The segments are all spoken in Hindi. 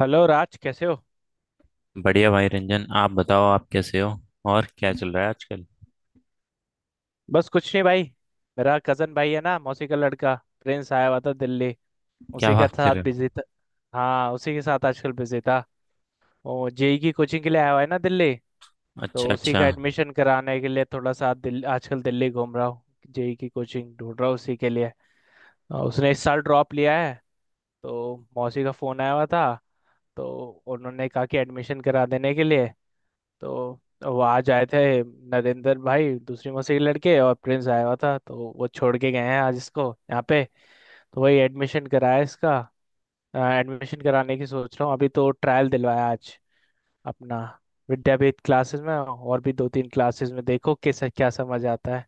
हेलो राज, कैसे हो? बढ़िया भाई रंजन। आप बताओ, आप कैसे हो? और क्या चल रहा है आजकल? बस कुछ नहीं भाई। मेरा कजन भाई है ना, मौसी का लड़का प्रिंस आया हुआ था दिल्ली। क्या उसी का बात कर साथ रहे हो? बिजी था। हाँ, उसी के साथ आजकल बिजी था। वो जेई की कोचिंग के लिए आया हुआ है ना दिल्ली। अच्छा, तो उसी अच्छा। का एडमिशन कराने के लिए थोड़ा सा आजकल दिल्ली घूम रहा हूँ। जेई की कोचिंग ढूंढ रहा हूँ उसी के लिए। और उसने इस साल ड्रॉप लिया है। तो मौसी का फोन आया हुआ था। तो उन्होंने कहा कि एडमिशन करा देने के लिए। तो वो आज आए थे। नरेंद्र भाई, दूसरी मसीह के लड़के, और प्रिंस आया हुआ था तो वो छोड़ के गए हैं आज इसको यहाँ पे। तो वही एडमिशन कराया इसका। एडमिशन कराने की सोच रहा हूँ, अभी तो ट्रायल दिलवाया आज अपना। विद्यापीठ क्लासेस में और भी दो तीन क्लासेस में, देखो किस क्या समझ आता है,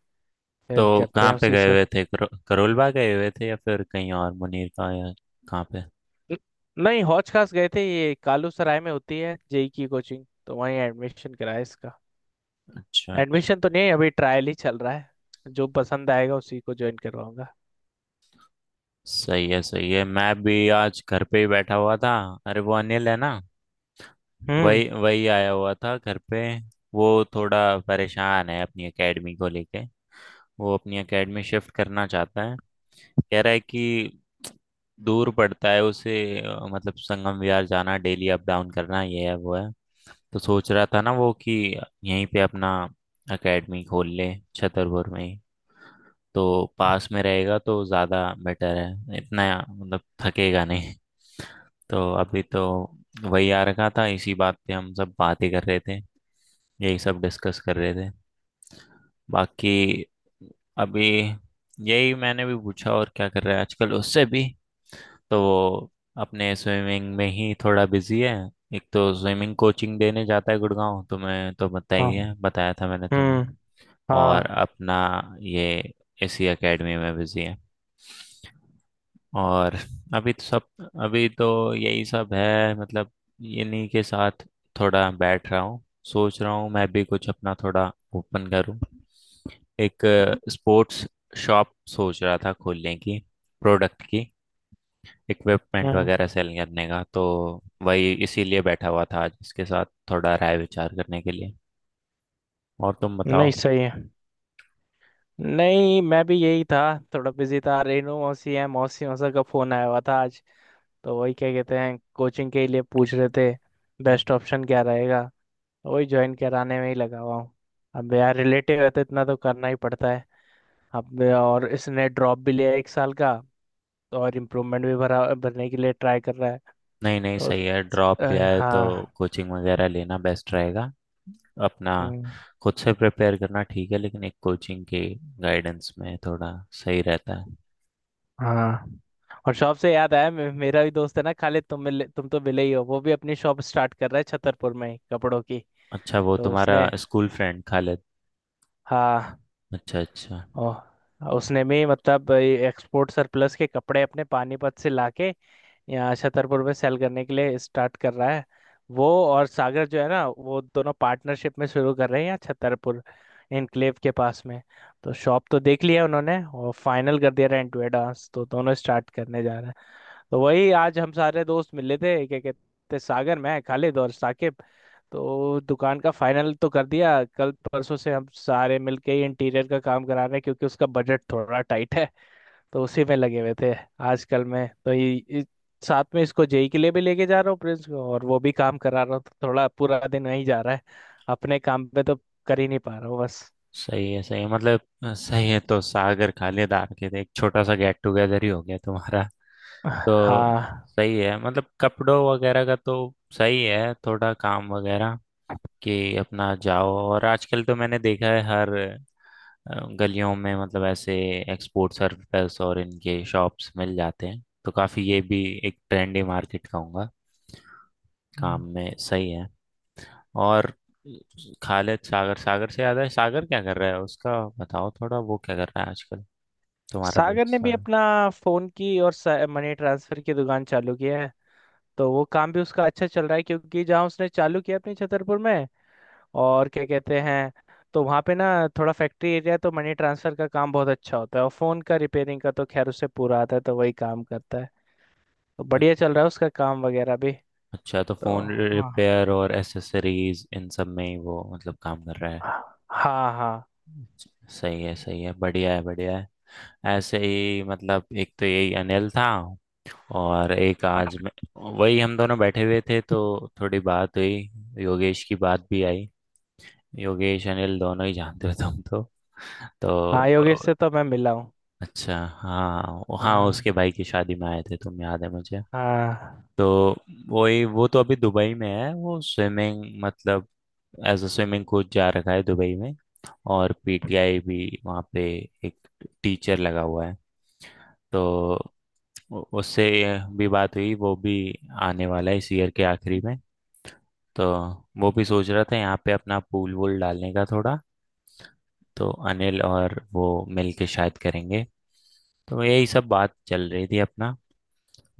तो फिर करते कहाँ हैं पे उसी गए सब। हुए थे, करोलबाग गए हुए थे या फिर कहीं और मुनीर का, या कहाँ पे? न- नहीं, हौज खास गए थे। ये कालू सराय में होती है जेई की कोचिंग, तो वहीं एडमिशन कराया इसका। अच्छा, अच्छा। एडमिशन तो नहीं है अभी, ट्रायल ही चल रहा है। जो पसंद आएगा उसी को ज्वाइन करवाऊंगा। सही है, सही है। मैं भी आज घर पे ही बैठा हुआ था। अरे वो अनिल है ना, हम्म। वही वही आया हुआ था घर पे। वो थोड़ा परेशान है अपनी एकेडमी को लेके। वो अपनी एकेडमी शिफ्ट करना चाहता है। कह रहा है कि दूर पड़ता है उसे। मतलब संगम विहार जाना, डेली अप डाउन करना, ये है वो है। तो सोच रहा था ना वो कि यहीं पे अपना एकेडमी खोल ले छतरपुर में ही। तो पास में रहेगा तो ज़्यादा बेटर है इतना, मतलब थकेगा नहीं। तो अभी तो वही आ रखा था, इसी बात पे हम सब बातें कर रहे थे, यही सब डिस्कस कर रहे थे। बाकी अभी यही मैंने भी पूछा और क्या कर रहा है आजकल उससे भी। तो वो अपने स्विमिंग में ही थोड़ा बिजी है। एक तो स्विमिंग कोचिंग देने जाता है गुड़गांव, तुम्हें तो बताया ही हाँ। है, बताया था मैंने तुम्हें। हम्म। हाँ। और अपना ये इसी एकेडमी में बिजी है। और अभी तो सब, अभी तो यही सब है मतलब। इन्हीं के साथ थोड़ा बैठ रहा हूँ। सोच रहा हूँ मैं भी कुछ अपना थोड़ा ओपन करूँ, एक स्पोर्ट्स शॉप सोच रहा था खोलने की, प्रोडक्ट की, इक्विपमेंट हम्म। वगैरह सेल करने का। तो वही इसीलिए बैठा हुआ था आज इसके साथ थोड़ा राय विचार करने के लिए। और तुम बताओ। नहीं सही है। नहीं, मैं भी यही था। थोड़ा बिजी था। रेनू मौसी है, मौसी मौसा का फोन आया हुआ था आज। तो वही, क्या कहते हैं, कोचिंग के लिए पूछ रहे थे। हम्म। बेस्ट ऑप्शन क्या रहेगा, वही ज्वाइन कराने में ही लगा हुआ हूँ। अब यार, रिलेटिव है तो इतना तो करना ही पड़ता है। अब और इसने ड्रॉप भी लिया एक साल का। और इम्प्रूवमेंट भी भरा, भरने के लिए ट्राई कर रहा है। नहीं नहीं, तो सही है, ड्रॉप लिया अ, है तो हाँ। कोचिंग वगैरह लेना बेस्ट रहेगा अपना। हम्म। खुद से प्रिपेयर करना ठीक है, लेकिन एक कोचिंग के गाइडेंस में थोड़ा सही रहता है। हाँ, और शॉप से याद आया, मेरा भी दोस्त है ना खालिद, तुम मिले, तुम तो मिले ही हो। वो भी अपनी शॉप स्टार्ट कर रहा है छतरपुर में ही, कपड़ों की। अच्छा, वो तो तुम्हारा उसने, स्कूल फ्रेंड खालिद। हाँ, अच्छा, अच्छा। ओ, उसने भी मतलब एक्सपोर्ट सरप्लस के कपड़े अपने पानीपत से लाके यहाँ छतरपुर में सेल करने के लिए स्टार्ट कर रहा है। वो और सागर जो है ना, वो दोनों पार्टनरशिप में शुरू कर रहे हैं यहाँ छतरपुर इनक्लेव के पास में। तो शॉप तो देख लिया उन्होंने और फाइनल कर दिया, रेंट टू एडवांस, तो दोनों स्टार्ट करने जा रहे हैं। तो वही आज हम सारे दोस्त मिले थे, क्या कहते, सागर, मैं, खालिद और साकिब। तो दुकान का फाइनल तो कर दिया, कल परसों से हम सारे मिलके ही इंटीरियर का काम करा रहे हैं क्योंकि उसका बजट थोड़ा टाइट है। तो उसी में लगे हुए थे आजकल में। तो साथ में इसको जेई के लिए भी लेके जा रहा हूँ, प्रिंस को, और वो भी काम करा रहा हूँ। तो थोड़ा पूरा दिन वहीं जा रहा है, अपने काम पे तो कर ही नहीं पा रहा हूँ बस। सही है, सही है, मतलब सही है। तो सागर खालेदार के थे, एक छोटा सा गेट टुगेदर ही हो गया तुम्हारा। तो हाँ। सही है, मतलब कपड़ों वगैरह का तो सही है, थोड़ा काम वगैरह कि अपना जाओ। और आजकल तो मैंने देखा है हर गलियों में मतलब ऐसे एक्सपोर्ट सर्विस और इनके शॉप्स मिल जाते हैं। तो काफी, ये भी एक ट्रेंडी मार्केट कहूंगा। काम हम्म। में सही है। और खालिद सागर सागर से याद है, सागर क्या कर रहा है उसका बताओ थोड़ा, वो क्या कर रहा है आजकल, तुम्हारा दोस्त सागर ने भी सागर? अपना फोन की और मनी ट्रांसफर की दुकान चालू किया है। तो वो काम भी उसका अच्छा चल रहा है क्योंकि जहाँ उसने चालू किया अपने छतरपुर में, और क्या कहते हैं, तो वहाँ पे ना थोड़ा फैक्ट्री एरिया है, तो मनी ट्रांसफर का काम बहुत अच्छा होता है। और फोन का रिपेयरिंग का तो खैर उसे पूरा आता है, तो वही काम करता है। तो बढ़िया चल रहा है उसका काम वगैरह भी। अच्छा, तो तो फोन हाँ। रिपेयर और एसेसरीज इन सब में ही वो मतलब काम कर रहा है। हाँ हाँ। सही है, सही है। बढ़िया है, बढ़िया है। ऐसे ही मतलब, एक तो यही अनिल था और एक आज मैं, वही हम दोनों बैठे हुए थे। तो थोड़ी बात हुई, योगेश की बात भी आई। योगेश अनिल दोनों ही जानते हो तुम तो। तो हाँ, योगेश से तो मैं मिला हूँ। अच्छा हाँ, हाँ हाँ। उसके भाई की शादी में आए थे तुम, याद है मुझे। हाँ। तो वही, वो तो अभी दुबई में है। वो स्विमिंग मतलब एज अ स्विमिंग कोच जा रखा है दुबई में। और पीटीआई भी वहाँ पे एक टीचर लगा हुआ है। तो उससे भी बात हुई। वो भी आने वाला है इस ईयर के आखिरी में। तो वो भी सोच रहा था यहाँ पे अपना पूल वूल डालने का थोड़ा। तो अनिल और वो मिल के शायद करेंगे। तो यही सब बात चल रही थी अपना।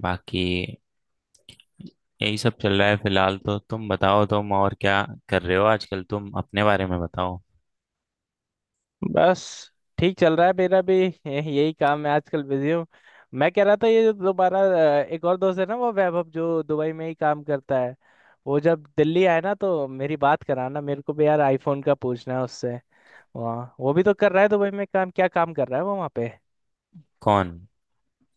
बाकी यही सब चल रहा है फिलहाल। तो तुम बताओ तुम और क्या कर रहे हो आजकल, तुम अपने बारे में बताओ। बस ठीक चल रहा है, मेरा भी यही काम है आजकल, बिजी हूँ। मैं कह रहा था, ये जो दोबारा एक और दोस्त है ना वो वैभव, जो दुबई में ही काम करता है, वो जब दिल्ली आए ना तो मेरी बात कराना। मेरे को भी यार आईफोन का पूछना है उससे। वहाँ वो भी तो कर रहा है दुबई में काम, क्या काम कर रहा है वो वहाँ पे? कौन?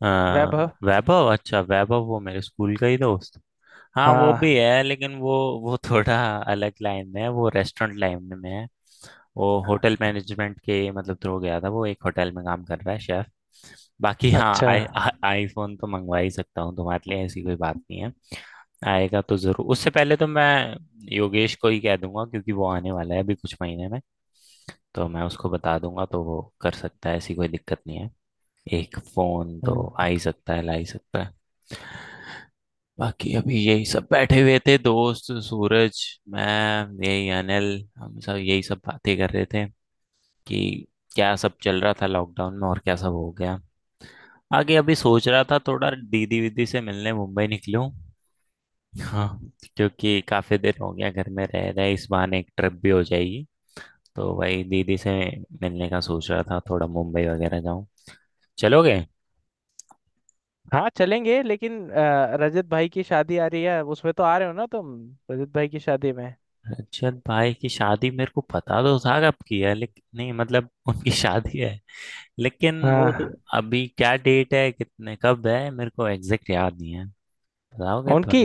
आ, वैभव। वैभव? अच्छा, वैभव वो मेरे स्कूल का ही दोस्त, हाँ वो भी हाँ। है। लेकिन वो थोड़ा अलग लाइन में है, वो रेस्टोरेंट लाइन में है। वो होटल मैनेजमेंट के मतलब थ्रू गया था। वो एक होटल में काम कर रहा है शेफ। बाकी हाँ, अच्छा। आईफोन तो मंगवा ही सकता हूँ तुम्हारे लिए, ऐसी कोई बात नहीं है। आएगा तो जरूर। उससे पहले तो मैं योगेश को ही कह दूंगा क्योंकि वो आने वाला है अभी कुछ महीने में। तो मैं उसको बता दूंगा, तो वो कर सकता है, ऐसी कोई दिक्कत नहीं है। एक फोन तो हम्म। आ ही सकता है, ला ही सकता है। बाकी अभी यही सब बैठे हुए थे, दोस्त सूरज, मैं, यही अनिल, हम सब यही सब बातें कर रहे थे कि क्या सब चल रहा था लॉकडाउन में और क्या सब हो गया आगे। अभी सोच रहा था थोड़ा दीदी वीदी से मिलने मुंबई निकलूं। हाँ, क्योंकि काफी दिन हो गया घर में रह रहे, इस बहाने एक ट्रिप भी हो जाएगी। तो वही दीदी से मिलने का सोच रहा था थोड़ा, मुंबई वगैरह जाऊं। चलोगे? हाँ चलेंगे, लेकिन रजत भाई की शादी आ रही है, उसमें तो आ रहे हो ना तुम? रजत भाई की शादी में। रजत भाई की शादी, मेरे को पता तो था कब की है, लेकिन नहीं मतलब उनकी शादी है। लेकिन वो तो हाँ। अभी क्या डेट है, कितने कब है, मेरे को एग्जैक्ट याद नहीं है। बताओगे उनकी, थोड़ा?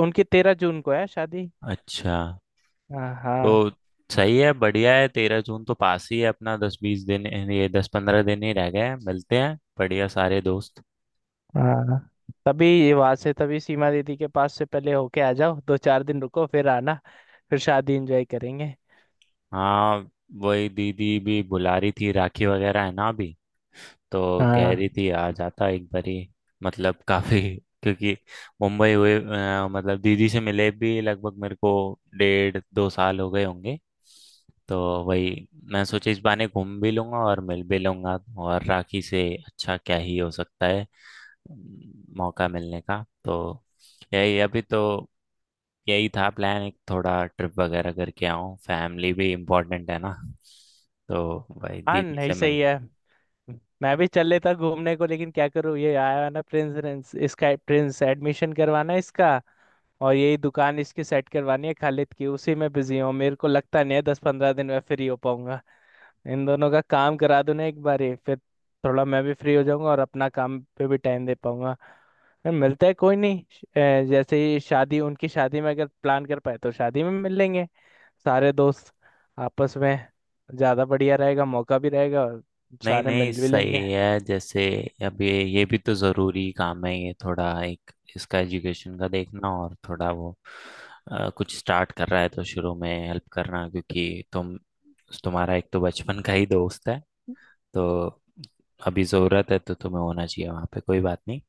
उनकी 13 जून को है शादी। अच्छा। हाँ हाँ। तो सही है, बढ़िया है, 13 जून तो पास ही है अपना। 10 20 दिन, ये 10 15 दिन ही रह गए हैं। मिलते हैं बढ़िया, सारे दोस्त। हाँ, तभी वहां से, तभी सीमा दीदी के पास से पहले होके आ जाओ, दो चार दिन रुको फिर आना, फिर शादी एंजॉय करेंगे। हाँ, वही दीदी भी बुला रही थी, राखी वगैरह है ना अभी। तो कह हाँ। रही थी आ जाता एक बारी। मतलब काफी क्योंकि मुंबई हुए, मतलब दीदी से मिले भी लगभग मेरे को 1.5 2 साल हो गए होंगे। तो वही मैं सोचा इस बहाने घूम भी लूंगा और मिल भी लूंगा। और राखी से अच्छा क्या ही हो सकता है मौका मिलने का। तो यही अभी तो, यही था प्लान, एक थोड़ा ट्रिप वगैरह करके आऊँ। फैमिली भी इम्पोर्टेंट है ना, तो भाई हाँ दीदी नहीं, से मिल। सही है। मैं भी चल लेता घूमने को, लेकिन क्या करूँ, ये आया है ना प्रिंस प्रिंस इसका प्रिंस एडमिशन करवाना है इसका, और यही दुकान इसकी सेट करवानी है खालिद की, उसी में बिजी हूँ। मेरे को लगता नहीं है 10-15 दिन में फ्री हो पाऊंगा। इन दोनों का काम करा दूं ना एक बार ही, फिर थोड़ा मैं भी फ्री हो जाऊंगा और अपना काम पे भी टाइम दे पाऊंगा। फिर मिलते हैं, कोई नहीं। जैसे ही शादी, उनकी शादी में अगर प्लान कर पाए तो शादी में मिल लेंगे सारे दोस्त आपस में, ज़्यादा बढ़िया रहेगा, मौका भी रहेगा और नहीं सारे नहीं, मिल भी लेंगे। सही है। जैसे अब ये भी तो ज़रूरी काम है, ये थोड़ा एक इसका एजुकेशन का देखना, और थोड़ा वो कुछ स्टार्ट कर रहा है तो शुरू में हेल्प करना, क्योंकि तुम, तुम्हारा एक तो बचपन का ही दोस्त है। तो अभी ज़रूरत है तो तुम्हें होना चाहिए वहाँ पे, कोई बात नहीं।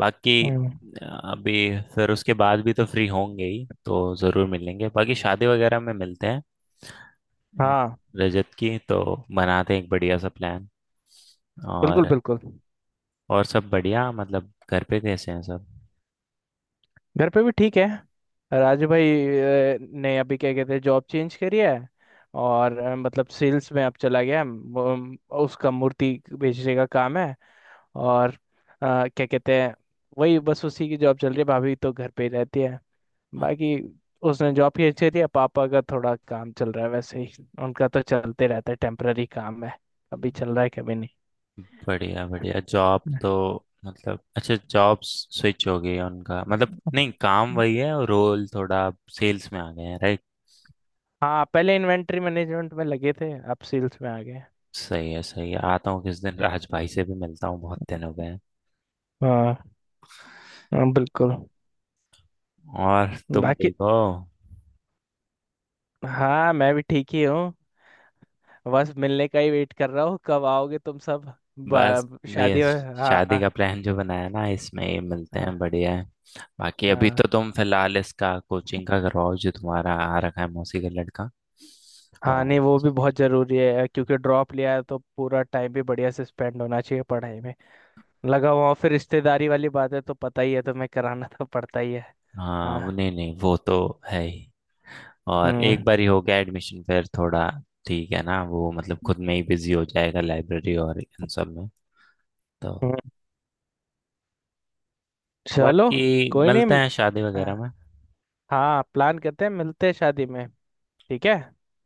बाकी हम्म। अ, अभी फिर उसके बाद भी तो फ्री होंगे ही तो ज़रूर मिलेंगे। बाकी शादी वगैरह में मिलते हैं। हाँ, हाँ, रजत की तो बनाते हैं एक बढ़िया सा प्लान। बिल्कुल और बिल्कुल। और सब बढ़िया, मतलब घर पे कैसे हैं सब? घर पे भी ठीक है। राजू भाई ने अभी, क्या कहते हैं, जॉब चेंज करी है, और मतलब सेल्स में अब चला गया है। उसका मूर्ति बेचने का काम है। और क्या कहते हैं, वही बस उसी की जॉब चल रही है। भाभी तो घर पे ही रहती है। अच्छा, बाकी उसने जॉब की अच्छी थी। पापा का थोड़ा काम चल रहा है, वैसे ही उनका तो चलते रहता है, टेम्पररी काम है, कभी चल रहा है कभी नहीं। बढ़िया बढ़िया। जॉब तो मतलब अच्छा जॉब स्विच हो गई है उनका, मतलब नहीं, काम वही है और रोल थोड़ा सेल्स में आ गए हैं, राइट? हाँ, पहले इन्वेंट्री मैनेजमेंट में लगे थे, अब सेल्स में आ गए। सही है, सही है। आता हूँ किस दिन राज भाई से भी मिलता हूँ, बहुत दिन हो गए हैं। हाँ हाँ, बिल्कुल। और तुम बाकी ठीक हो? हाँ, मैं भी ठीक ही हूँ, बस मिलने का ही वेट कर रहा हूँ कब आओगे तुम सब। बस ये शादी। हाँ शादी हाँ। का प्लान जो बनाया ना, इसमें ये मिलते हैं, बढ़िया है। बाकी अभी हाँ। तो तुम फिलहाल इसका कोचिंग का करवाओ, जो तुम्हारा आ रखा है मौसी का लड़का। हाँ और नहीं, वो भी बहुत जरूरी है क्योंकि ड्रॉप लिया है तो पूरा टाइम भी बढ़िया से स्पेंड होना चाहिए पढ़ाई में। लगा हुआ हूँ, फिर रिश्तेदारी वाली बात है तो पता ही है तुम्हें, कराना तो पड़ता ही है। हाँ, वो हाँ। नहीं नहीं, वो तो है ही। और हम्म। एक बार ही हो गया एडमिशन फिर थोड़ा ठीक है ना, वो मतलब खुद में ही बिजी हो जाएगा लाइब्रेरी और इन सब में। तो हम्म, चलो, बाकी कोई मिलते नहीं। हैं शादी वगैरह में। हाँ, प्लान करते हैं, मिलते हैं शादी में। ठीक है।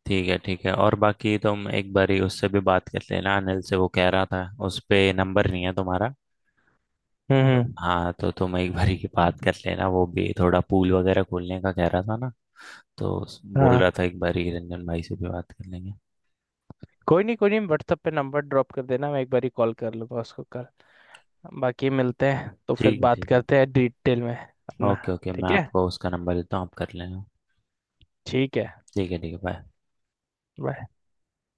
ठीक है, ठीक है। और बाकी तुम एक बार ही उससे भी बात कर लेना, अनिल से, वो कह रहा था उस पे नंबर नहीं है तुम्हारा। हम्म। तो हाँ, तो तुम एक बारी की बात कर लेना, वो भी थोड़ा पूल वगैरह खोलने का कह रहा था ना। तो बोल हाँ, रहा था एक बारी रंजन भाई से भी बात कर लेंगे। कोई नहीं, कोई नहीं, व्हाट्सएप पे नंबर ड्रॉप कर देना, मैं एक बार ही कॉल कर लूंगा उसको कर। बाकी मिलते हैं तो फिर ठीक है, बात ठीक है। करते हैं डिटेल में अपना। Okay, okay. मैं ठीक है। आपको उसका नंबर देता हूँ, आप कर लेना। ठीक है। ठीक है, ठीक है, बाय। Bye।